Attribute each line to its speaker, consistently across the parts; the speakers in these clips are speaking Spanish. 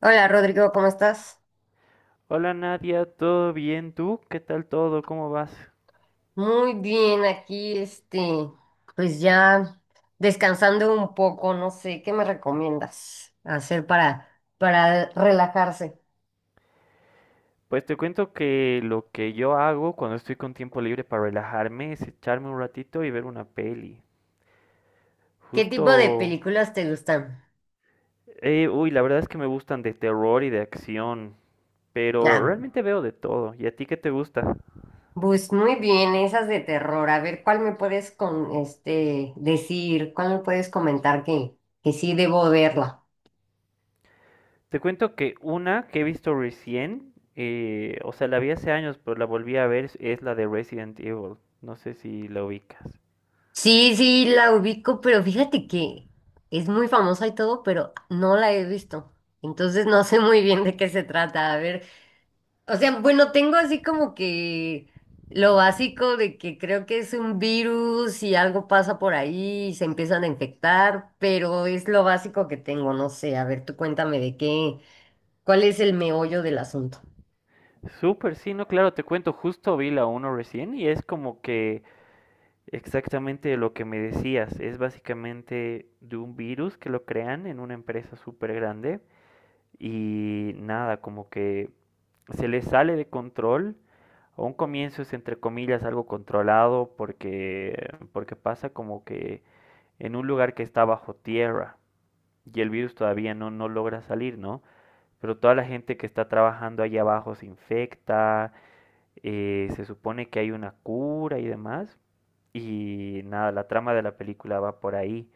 Speaker 1: Hola Rodrigo, ¿cómo estás?
Speaker 2: Hola Nadia, ¿todo bien? ¿Tú? ¿Qué tal todo? ¿Cómo vas?
Speaker 1: Muy bien, aquí pues ya descansando un poco, no sé, ¿qué me recomiendas hacer para relajarse?
Speaker 2: Pues te cuento que lo que yo hago cuando estoy con tiempo libre para relajarme es echarme un ratito y ver una peli.
Speaker 1: ¿Qué tipo de
Speaker 2: Justo,
Speaker 1: películas te gustan?
Speaker 2: uy, la verdad es que me gustan de terror y de acción, pero
Speaker 1: Ah,
Speaker 2: realmente veo de todo. ¿Y a ti qué te gusta?
Speaker 1: pues muy bien, esas de terror. A ver, ¿cuál me puedes con este decir? ¿Cuál me puedes comentar que sí debo verla?
Speaker 2: Te cuento que una que he visto recién, o sea, la vi hace años, pero la volví a ver, es la de Resident Evil. No sé si la ubicas.
Speaker 1: Sí, sí, la ubico, pero fíjate que es muy famosa y todo, pero no la he visto. Entonces no sé muy bien de qué se trata. A ver, o sea, bueno, tengo así como que lo básico de que creo que es un virus y algo pasa por ahí y se empiezan a infectar, pero es lo básico que tengo, no sé. A ver, tú cuéntame de cuál es el meollo del asunto.
Speaker 2: Súper, sí, no, claro, te cuento, justo vi la uno recién y es como que exactamente lo que me decías, es básicamente de un virus que lo crean en una empresa súper grande y nada, como que se les sale de control, a un comienzo es entre comillas algo controlado, porque pasa como que en un lugar que está bajo tierra y el virus todavía no, no logra salir, ¿no? Pero toda la gente que está trabajando ahí abajo se infecta, se supone que hay una cura y demás. Y nada, la trama de la película va por ahí,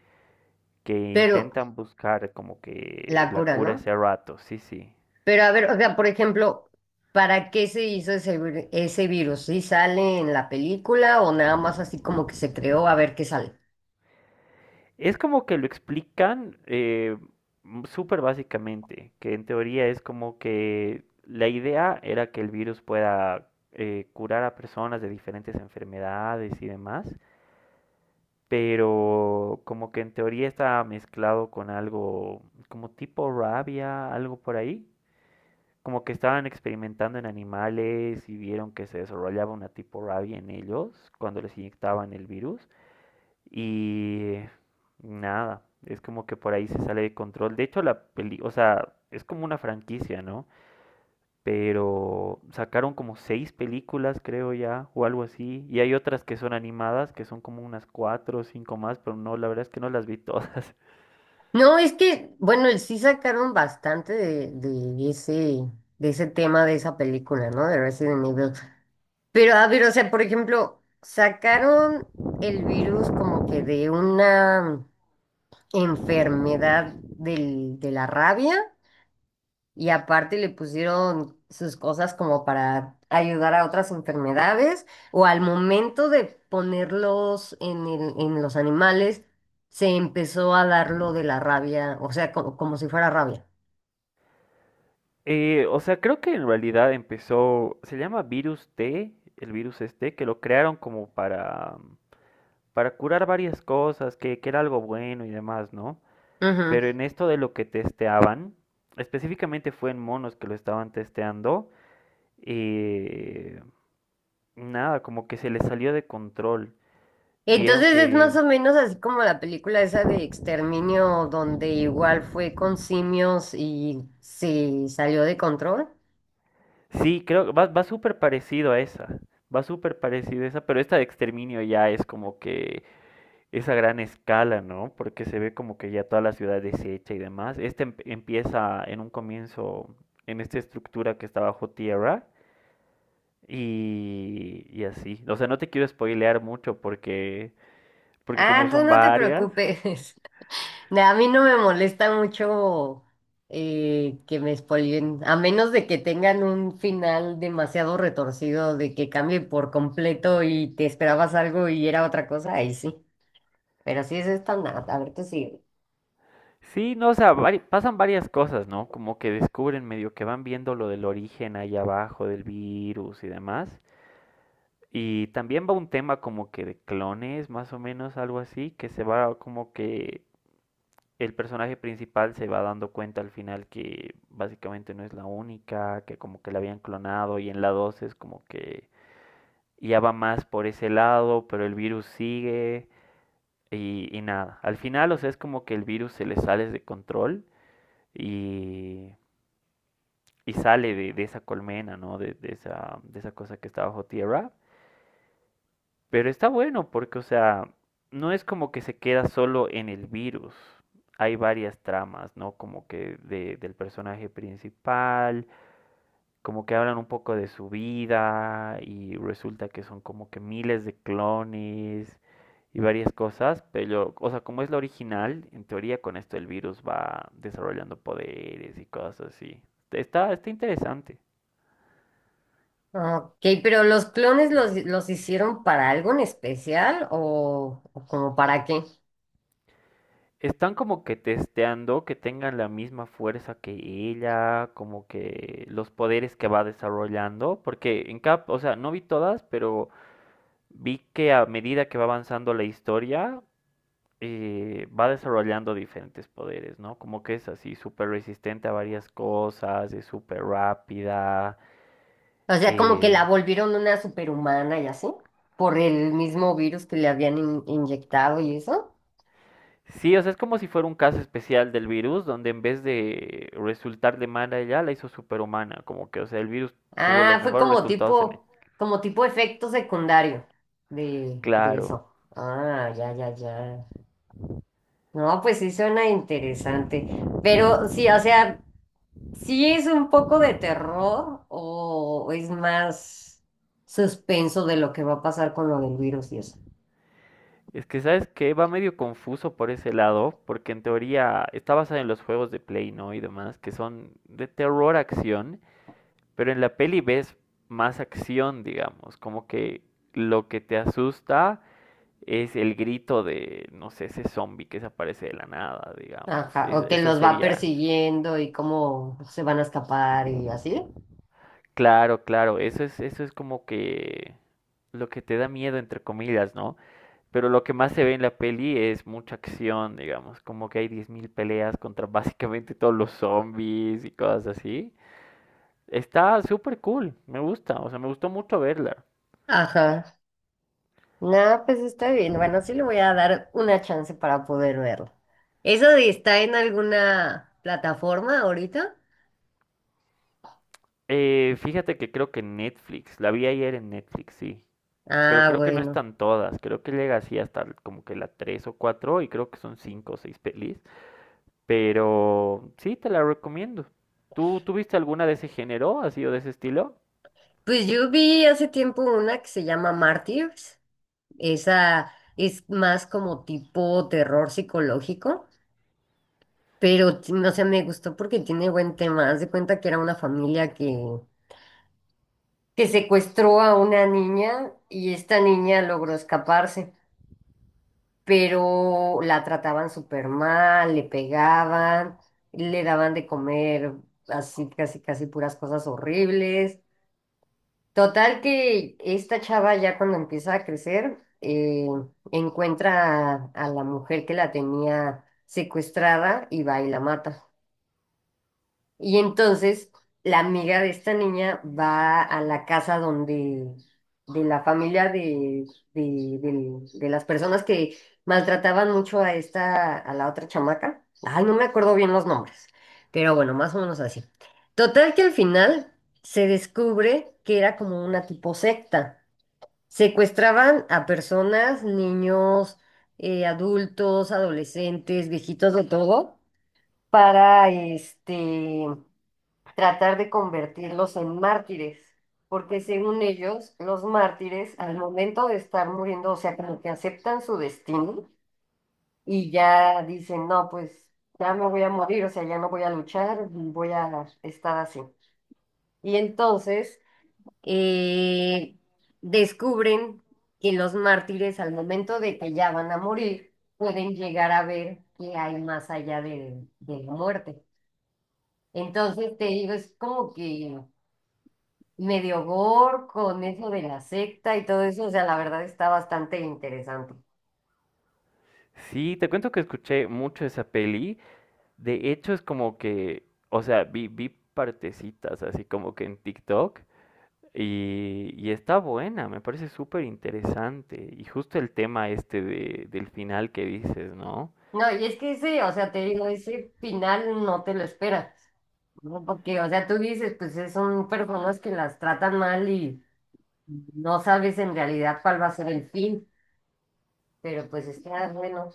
Speaker 2: que
Speaker 1: Pero
Speaker 2: intentan buscar como que
Speaker 1: la
Speaker 2: la
Speaker 1: cura,
Speaker 2: cura
Speaker 1: ¿no?
Speaker 2: ese rato, sí, sí.
Speaker 1: Pero a ver, o sea, por ejemplo, ¿para qué se hizo ese virus? ¿Sí sale en la película o nada más así como que se creó a ver qué sale?
Speaker 2: Es como que lo explican, súper básicamente, que en teoría es como que la idea era que el virus pueda, curar a personas de diferentes enfermedades y demás, pero como que en teoría está mezclado con algo como tipo rabia, algo por ahí, como que estaban experimentando en animales y vieron que se desarrollaba una tipo rabia en ellos cuando les inyectaban el virus. Y nada, es como que por ahí se sale de control. De hecho, la peli, o sea, es como una franquicia, ¿no? Pero sacaron como seis películas, creo ya, o algo así. Y hay otras que son animadas, que son como unas cuatro o cinco más, pero no, la verdad es que no las vi todas.
Speaker 1: No, es que, bueno, sí sacaron bastante de ese tema de esa película, ¿no? De Resident Evil. Pero a ver, o sea, por ejemplo, sacaron el virus como que de una enfermedad de la rabia. Y aparte le pusieron sus cosas como para ayudar a otras enfermedades o al momento de ponerlos en en los animales, se empezó a dar lo de la rabia, o sea, si fuera rabia.
Speaker 2: O sea, creo que en realidad empezó, se llama virus T, el virus este, que lo crearon como para curar varias cosas, que era algo bueno y demás, ¿no?
Speaker 1: Ujú.
Speaker 2: Pero en esto de lo que testeaban, específicamente fue en monos que lo estaban testeando, eh, nada, como que se les salió de control. Vieron
Speaker 1: Entonces es más
Speaker 2: que...
Speaker 1: o menos así como la película esa de Exterminio, donde igual fue con simios y se salió de control.
Speaker 2: Sí, creo que va súper parecido a esa, pero esta de exterminio ya es como que esa gran escala, ¿no? Porque se ve como que ya toda la ciudad deshecha y demás. Este empieza en un comienzo en esta estructura que está bajo tierra, y así. O sea, no te quiero spoilear mucho, porque como
Speaker 1: Ah, tú
Speaker 2: son
Speaker 1: no te
Speaker 2: varias.
Speaker 1: preocupes. No, a mí no me molesta mucho que me spoileen, a menos de que tengan un final demasiado retorcido, de que cambie por completo y te esperabas algo y era otra cosa, ahí sí. Pero sí es estándar, a ver, tú sigue.
Speaker 2: Sí, no, o sea, pasan varias cosas, ¿no? Como que descubren medio que van viendo lo del origen ahí abajo del virus y demás. Y también va un tema como que de clones, más o menos, algo así, que se va como que el personaje principal se va dando cuenta al final que básicamente no es la única, que como que la habían clonado, y en la 2 es como que ya va más por ese lado, pero el virus sigue, y nada. Al final, o sea, es como que el virus se le sale de control y, y sale de esa colmena, ¿no? De esa cosa que está bajo tierra. Pero está bueno porque, o sea, no es como que se queda solo en el virus. Hay varias tramas, ¿no? Como que del personaje principal, como que hablan un poco de su vida y resulta que son como que miles de clones y varias cosas, pero, o sea, como es la original, en teoría con esto el virus va desarrollando poderes y cosas así. Está interesante.
Speaker 1: Ok, pero ¿los clones los hicieron para algo en especial o como para qué?
Speaker 2: Están como que testeando que tengan la misma fuerza que ella, como que los poderes que va desarrollando, porque en Cap, o sea, no vi todas, pero vi que a medida que va avanzando la historia, va desarrollando diferentes poderes, ¿no? Como que es así, súper resistente a varias cosas, es súper rápida.
Speaker 1: O sea, como que la
Speaker 2: eh,
Speaker 1: volvieron una superhumana y así, por el mismo virus que le habían inyectado y eso.
Speaker 2: Sí, o sea, es como si fuera un caso especial del virus, donde en vez de resultarle mala a ella, la hizo superhumana. Como que, o sea, el virus tuvo
Speaker 1: Ah,
Speaker 2: los
Speaker 1: fue
Speaker 2: mejores resultados en él.
Speaker 1: como tipo efecto secundario de
Speaker 2: Claro.
Speaker 1: eso. Ah, ya, ya, ya. No, pues sí suena interesante. Pero sí, o sea, sí es un poco de terror o es más suspenso de lo que va a pasar con lo del virus y eso.
Speaker 2: Es que, ¿sabes qué? Va medio confuso por ese lado, porque en teoría está basada en los juegos de Play, ¿no? Y demás, que son de terror acción, pero en la peli ves más acción, digamos. Como que lo que te asusta es el grito de, no sé, ese zombie que se aparece de la nada, digamos.
Speaker 1: Ajá, o que
Speaker 2: Esa
Speaker 1: los va
Speaker 2: sería.
Speaker 1: persiguiendo y cómo se van a escapar y así.
Speaker 2: Claro, claro, eso es como que lo que te da miedo, entre comillas, ¿no? Pero lo que más se ve en la peli es mucha acción, digamos, como que hay 10,000 peleas contra básicamente todos los zombies y cosas así. Está súper cool, me gusta, o sea, me gustó mucho verla.
Speaker 1: Ajá. No, pues está bien. Bueno, sí le voy a dar una chance para poder verlo. ¿Eso de está en alguna plataforma ahorita?
Speaker 2: Fíjate que creo que Netflix, la vi ayer en Netflix, sí, pero
Speaker 1: Ah,
Speaker 2: creo que no
Speaker 1: bueno.
Speaker 2: están todas, creo que llega así hasta como que la 3 o cuatro, y creo que son 5 o 6 pelis. Pero sí, te la recomiendo. ¿Tú tuviste alguna de ese género, así, o de ese estilo?
Speaker 1: Pues yo vi hace tiempo una que se llama Martyrs. Esa es más como tipo terror psicológico, pero no sé, me gustó porque tiene buen tema. Haz de cuenta que era una familia que secuestró a una niña y esta niña logró escaparse, pero la trataban súper mal, le pegaban, le daban de comer así, casi, casi puras cosas horribles. Total que esta chava ya cuando empieza a crecer, encuentra a la mujer que la tenía secuestrada y va y la mata. Y entonces la amiga de esta niña va a la casa donde, de la familia de las personas que maltrataban mucho a esta, a la otra chamaca. Ay, no me acuerdo bien los nombres, pero bueno, más o menos así. Total que al final se descubre que era como una tipo secta. Secuestraban a personas, niños, adultos, adolescentes, viejitos de todo, para tratar de convertirlos en mártires, porque según ellos, los mártires al momento de estar muriendo, o sea, como que aceptan su destino y ya dicen, no, pues ya me voy a morir, o sea, ya no voy a luchar, voy a estar así. Y entonces eh, descubren que los mártires al momento de que ya van a morir, pueden llegar a ver qué hay más allá de la muerte. Entonces te digo, es como que medio gore con eso de la secta y todo eso, o sea, la verdad está bastante interesante.
Speaker 2: Sí, te cuento que escuché mucho esa peli. De hecho, es como que, o sea, vi partecitas así como que en TikTok, y está buena, me parece súper interesante. Y justo el tema este del final que dices, ¿no?
Speaker 1: No, y es que ese, o sea, te digo, ese final no te lo esperas, ¿no? Porque, o sea, tú dices, pues son personas que las tratan mal y no sabes en realidad cuál va a ser el fin, pero pues está bueno.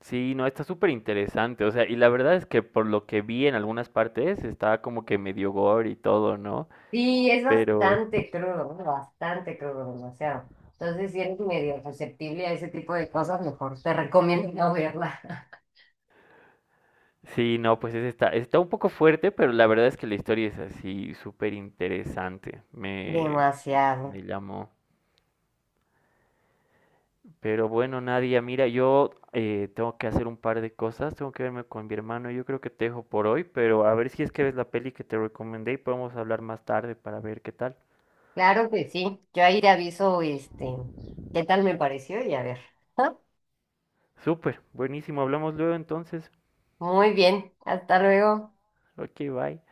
Speaker 2: Sí, no, está súper interesante. O sea, y la verdad es que por lo que vi en algunas partes está como que medio gore y todo, ¿no?
Speaker 1: Sí, es
Speaker 2: Pero
Speaker 1: bastante crudo, ¿no? Bastante crudo, o sea, entonces si eres medio susceptible a ese tipo de cosas, mejor te recomiendo no verla.
Speaker 2: sí, no, pues ese está un poco fuerte, pero la verdad es que la historia es así súper interesante. Me,
Speaker 1: Demasiado.
Speaker 2: me llamó. Pero bueno, Nadia, mira, yo tengo que hacer un par de cosas, tengo que verme con mi hermano, yo creo que te dejo por hoy, pero a ver si es que ves la peli que te recomendé y podemos hablar más tarde para ver qué tal.
Speaker 1: Claro que sí. Yo ahí te aviso, este, qué tal me pareció y a ver.
Speaker 2: Súper, buenísimo, hablamos luego entonces.
Speaker 1: Muy bien. Hasta luego.
Speaker 2: Ok, bye.